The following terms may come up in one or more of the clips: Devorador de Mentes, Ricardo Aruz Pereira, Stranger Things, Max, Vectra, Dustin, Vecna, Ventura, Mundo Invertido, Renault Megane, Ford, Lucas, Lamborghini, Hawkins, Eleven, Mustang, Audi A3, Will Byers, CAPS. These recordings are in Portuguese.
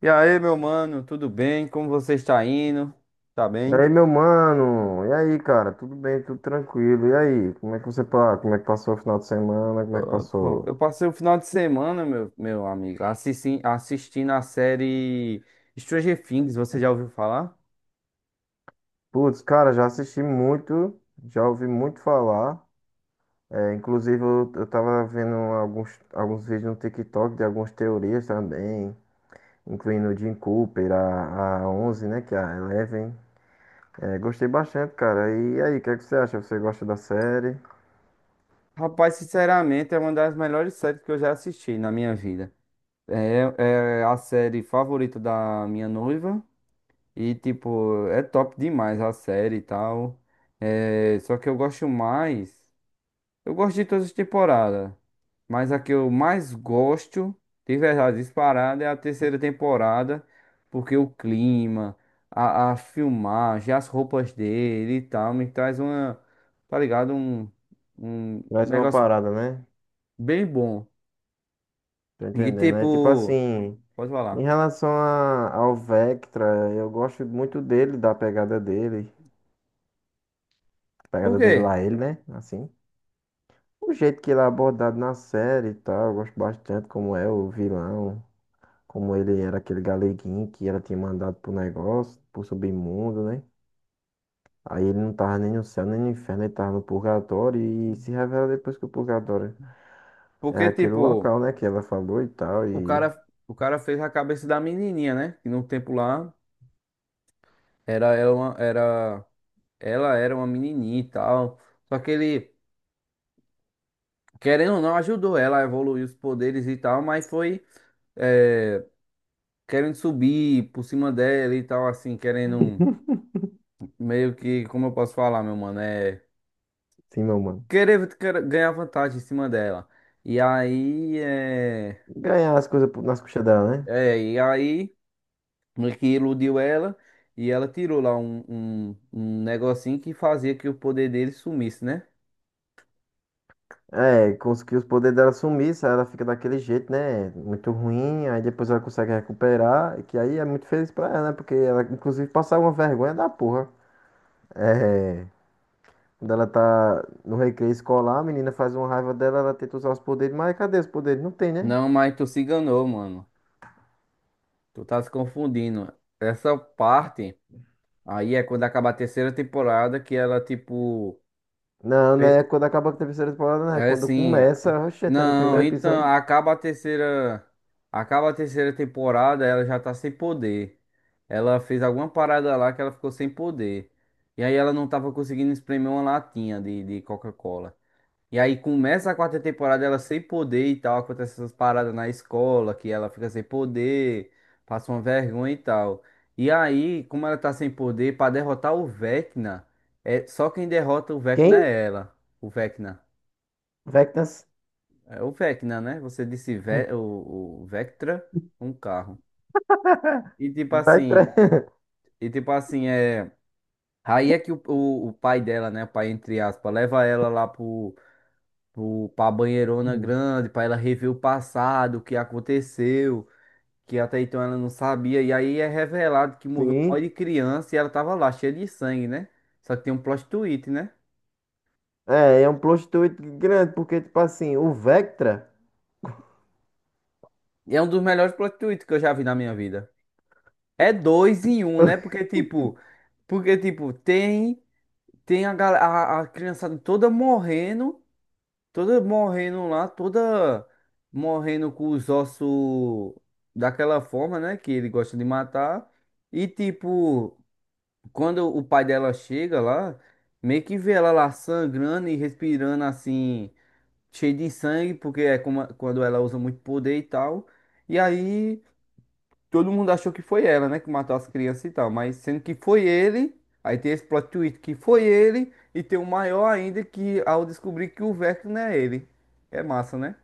E aí, meu mano, tudo bem? Como você está indo? Tá E bem? aí, meu mano? E aí, cara? Tudo bem? Tudo tranquilo? E aí? Como é que passou o final de semana? Como é que Bom, passou? eu passei o final de semana, meu amigo, assistindo a série Stranger Things, você já ouviu falar? Putz, cara, já assisti muito, já ouvi muito falar. É, inclusive, eu tava vendo alguns vídeos no TikTok de algumas teorias também, incluindo o Jim Cooper, a onze, né? Que é a Eleven. É, gostei bastante, cara. E aí, o que é que você acha? Você gosta da série? Rapaz, sinceramente, é uma das melhores séries que eu já assisti na minha vida. É, é a série favorita da minha noiva e, tipo, é top demais a série e tal. É, só que eu gosto mais. Eu gosto de todas as temporadas, mas a que eu mais gosto, de verdade, disparada, é a terceira temporada, porque o clima, a filmagem, as roupas dele e tal, me traz uma, tá ligado? Um Mais uma negócio parada, né? bem bom. Tô E entendendo. É tipo tipo, assim, pode em falar. relação ao Vectra, eu gosto muito dele, da pegada dele. Por Pegada dele quê? lá, ele, né? Assim. O jeito que ele é abordado na série e tal, eu gosto bastante como é o vilão, como ele era aquele galeguinho que ela tinha mandado pro negócio, pro submundo, né? Aí ele não tava nem no céu, nem no inferno, ele tava no purgatório e se revela depois que o purgatório é Porque, aquele tipo, local, né, que ela falou e tal, o e... cara, o cara fez a cabeça da menininha, né? Que no tempo lá era ela, ela era uma menininha e tal. Só que ele. Querendo ou não, ajudou ela a evoluir os poderes e tal, mas foi é, querendo subir por cima dela e tal, assim, querendo um, meio que, como eu posso falar, meu mano, é Sim, meu mano. querer, querer ganhar vantagem em cima dela. E aí, é, Ganhar as coisas nas costas dela, né? é, e aí, meio que iludiu ela e ela tirou lá um, um negocinho que fazia que o poder dele sumisse, né? É, conseguiu os poderes dela sumir, se ela fica daquele jeito, né? Muito ruim, aí depois ela consegue recuperar, que aí é muito feliz pra ela, né? Porque ela, inclusive, passa uma vergonha da porra. É, quando ela tá no recreio escolar, a menina faz uma raiva dela, ela tenta usar os poderes, mas cadê os poderes? Não tem, né? Não, mas tu se enganou, mano. Tu tá se confundindo. Essa parte. Aí é quando acaba a terceira temporada que ela, tipo. Não, né? pe- Quando acaba com a terceira temporada, né? É Quando assim. começa, oxe, até no Não, primeiro então episódio. acaba a terceira. Acaba a terceira temporada, ela já tá sem poder. Ela fez alguma parada lá que ela ficou sem poder. E aí ela não tava conseguindo espremer uma latinha de Coca-Cola. E aí começa a quarta temporada ela sem poder e tal, acontece essas paradas na escola, que ela fica sem poder, passa uma vergonha e tal. E aí, como ela tá sem poder, pra derrotar o Vecna, é só quem derrota o Vecna Quem? é ela. O Vecna. Vectas. É o Vecna, né? Você disse Ve o Vectra, um carro. E tipo Vai tra... assim, e tipo assim, é. Aí é que o pai dela, né? O pai, entre aspas, leva ela lá Pro, pra banheirona grande, pra ela rever o passado, o que aconteceu, que até então ela não sabia. E aí é revelado que morreu um monte Sim. de criança e ela tava lá, cheia de sangue, né? Só que tem um plot twist, né? É, é um plot twist grande, porque, tipo assim, o Vectra. E é um dos melhores plot twists que eu já vi na minha vida. É dois em um, né? Porque, tipo, tem, tem a, a criançada toda morrendo. Toda morrendo lá, toda morrendo com os ossos daquela forma, né? Que ele gosta de matar. E tipo, quando o pai dela chega lá, meio que vê ela lá sangrando e respirando assim, cheio de sangue, porque é como- quando ela usa muito poder e tal. E aí todo mundo achou que foi ela, né, que matou as crianças e tal, mas sendo que foi ele, aí tem esse plot twist que foi ele, e tem o maior ainda que ao descobrir que o Vecna não é ele. É massa, né?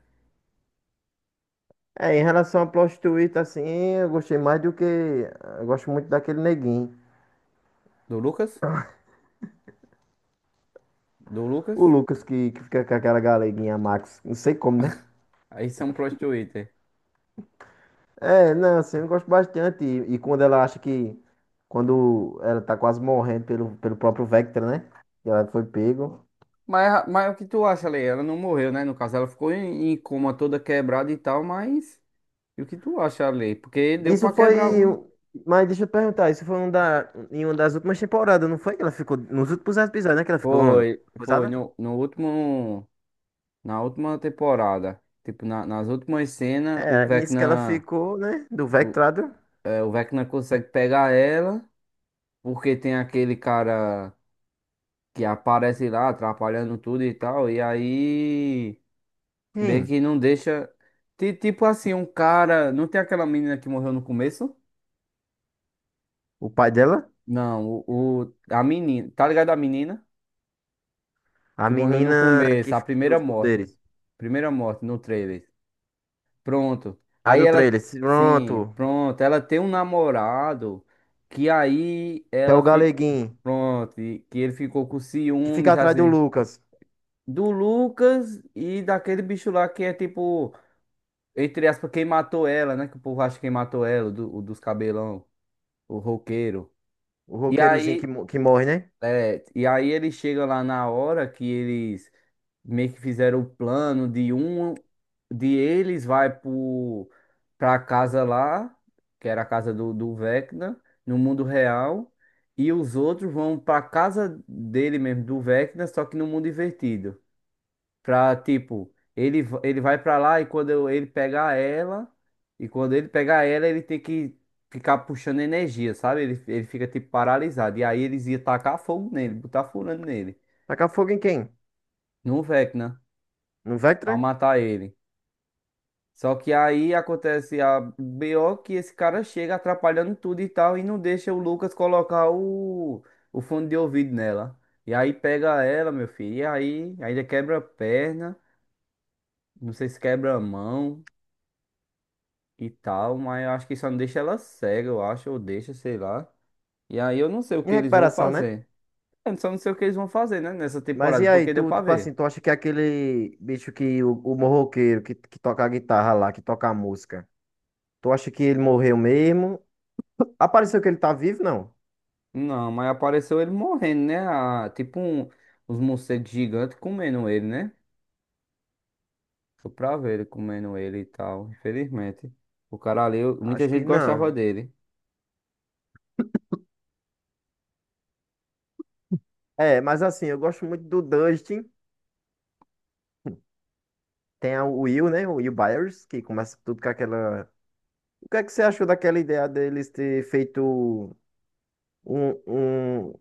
É, em relação a plot twist, assim, eu gostei mais do que. Eu gosto muito daquele neguinho. Do Lucas? Do Lucas? O Lucas que fica com aquela galeguinha Max. Não sei como, né? Aí são plot twist. É. É, não, assim, eu gosto bastante. E quando ela acha que. Quando ela tá quase morrendo pelo, pelo próprio Vector, né? Que ela foi pego. Mas o que tu acha, Lei? Ela não morreu, né? No caso, ela ficou em, em coma toda quebrada e tal, mas. E o que tu acha, Lei? Porque deu Isso pra quebrar foi algum. um. Mas deixa eu perguntar, isso foi um em uma das últimas temporadas, não foi? Que ela ficou. Nos últimos episódios, né? Que ela ficou. Foi, foi. Coisada? No, no último. Na última temporada. Tipo, nas últimas cenas, o É, nisso que ela Vecna. ficou, né? Do o, Vectrado. É, o Vecna consegue pegar ela, porque tem aquele cara que aparece lá atrapalhando tudo e tal, e aí meio Quem? que não deixa. Tipo assim, um cara. Não tem aquela menina que morreu no começo? O pai dela? Não, a menina. Tá ligado a menina? A Que morreu no menina que começo, a fica primeira dos morte. poderes. Primeira morte no trailer. Pronto. A Aí do ela, trailer. sim, Pronto. pronto. Ela tem um namorado que aí Que é ela o fica. Galeguinho. Pronto, e que ele ficou com Que fica ciúmes, atrás do assim, Lucas. do Lucas e daquele bicho lá que é tipo, entre aspas, quem matou ela, né? Que o povo acha que quem matou ela, do, o dos cabelão, o roqueiro. O E roqueirozinho que, aí, mo- que morre, né? É, e aí ele chega lá na hora que eles meio que fizeram o plano de um de eles vai pro, pra casa lá, que era a casa do, do Vecna, no mundo real, e os outros vão pra casa dele mesmo, do Vecna, só que no mundo invertido. Pra, tipo, ele, ele vai pra lá e ele pegar ela, e quando ele pegar ela, ele tem que ficar puxando energia, sabe? Ele fica, tipo, paralisado. E aí eles iam tacar fogo nele, botar furando nele, Tacar fogo em quem? no Vecna, No pra Vectra? matar ele. Só que aí acontece a BO que esse cara chega atrapalhando tudo e tal, e não deixa o Lucas colocar o fone de ouvido nela. E aí pega ela, meu filho, e aí ainda quebra a perna, não sei se quebra a mão. E tal, mas eu acho que só não deixa ela cega, eu acho, ou deixa, sei lá. E aí eu não sei o Em que eles vão recuperação, né? fazer. Eu só não sei o que eles vão fazer, né, nessa Mas e temporada, aí, porque deu tu, pra tipo assim, ver. tu acha que é aquele bicho que o morroqueiro que toca a guitarra lá, que toca a música, tu acha que ele morreu mesmo? Apareceu que ele tá vivo? Não. Não, mas apareceu ele morrendo, né? Tipo um, os morcegos gigantes comendo ele, né? Foi pra ver ele comendo ele e tal, infelizmente. O cara ali, muita Acho gente que gostava não. dele. É, mas assim, eu gosto muito do Dustin. O Will, né? O Will Byers, que começa tudo com aquela. O que é que você achou daquela ideia deles ter feito um, um,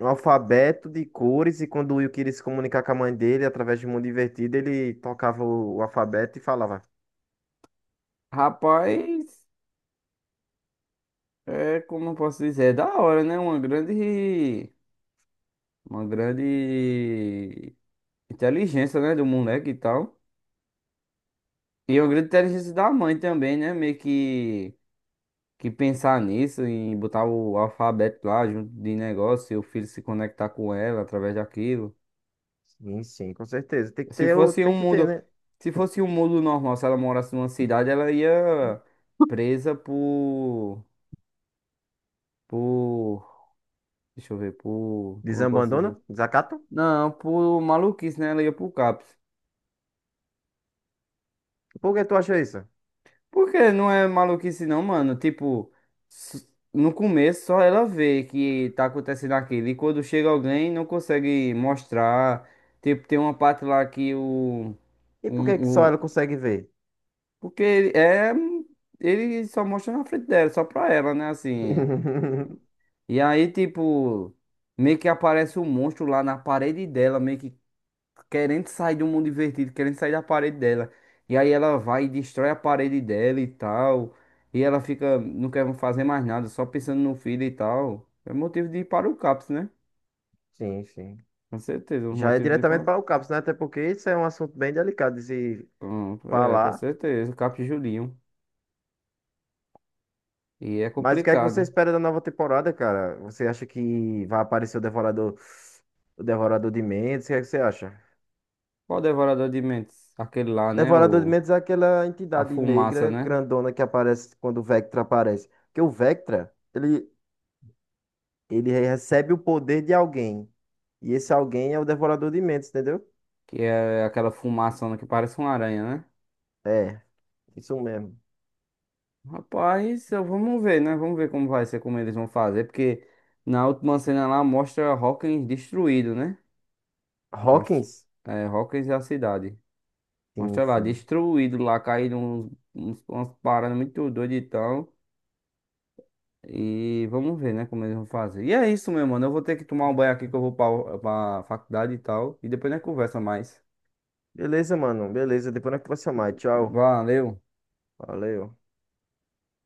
um alfabeto de cores e quando o Will queria se comunicar com a mãe dele através de Mundo Invertido, ele tocava o alfabeto e falava. Rapaz, é como eu posso dizer, é da hora, né? Uma grande. Uma grande inteligência, né? Do moleque e tal. E o grito de inteligência da mãe também, né? Meio que pensar nisso, e botar o alfabeto lá junto de negócio e o filho se conectar com ela através daquilo. Sim, sim, com certeza. Se fosse um Tem que ter, mundo, né? se fosse um mundo normal, se ela morasse numa cidade, ela ia presa por, deixa eu ver, por, como eu posso dizer? Desabandono? Desacato? Não, por maluquice, né? Ela ia pro CAPS. Por que tu acha isso? Porque não é maluquice não, mano. Tipo, s- no começo só ela vê que tá acontecendo aquilo. E quando chega alguém não consegue mostrar. Tipo, tem uma parte lá que o. E por que que só Um, o ela consegue ver? porque ele é. Ele só mostra na frente dela, só pra ela, né? Assim. E aí, tipo, meio que aparece um monstro lá na parede dela, meio que querendo sair do mundo invertido, querendo sair da parede dela. E aí ela vai e destrói a parede dela e tal. E ela fica, não quer fazer mais nada, só pensando no filho e tal. É motivo de ir para o CAPS, né? Sim, sim. Com certeza, um Já é motivo de ir diretamente para. para o CAPS, né? Até porque isso é um assunto bem delicado de se Pronto, é, com falar. certeza, CAPS e Julinho. E é Mas o que é que você complicado. espera da nova temporada, cara? Você acha que vai aparecer o Devorador de Mentes? O que é que você acha? Qual o devorador de mentes? Aquele lá, né? Devorador de O, Mentes é aquela a entidade fumaça, negra né? grandona que aparece quando o Vectra aparece. Porque o Vectra, ele recebe o poder de alguém. E esse alguém é o Devorador de Mentes, entendeu? Que é aquela fumaçona que parece uma aranha, né? É, isso mesmo. Rapaz, vamos ver, né? Vamos ver como vai ser, como eles vão fazer, porque na última cena lá mostra Hawkins destruído, né? Mostra, Hawkins? é, Hawkins é a cidade. Sim, Mostra lá, sim. destruído lá, caído uns, uns, umas paradas muito doidas e tal. E vamos ver, né, como eles vão fazer. E é isso, meu mano. Eu vou ter que tomar um banho aqui que eu vou pra, pra faculdade e tal. E depois nós conversa mais. Beleza, mano. Beleza. Depois nós conversamos mais. Tchau. Valeu. Valeu.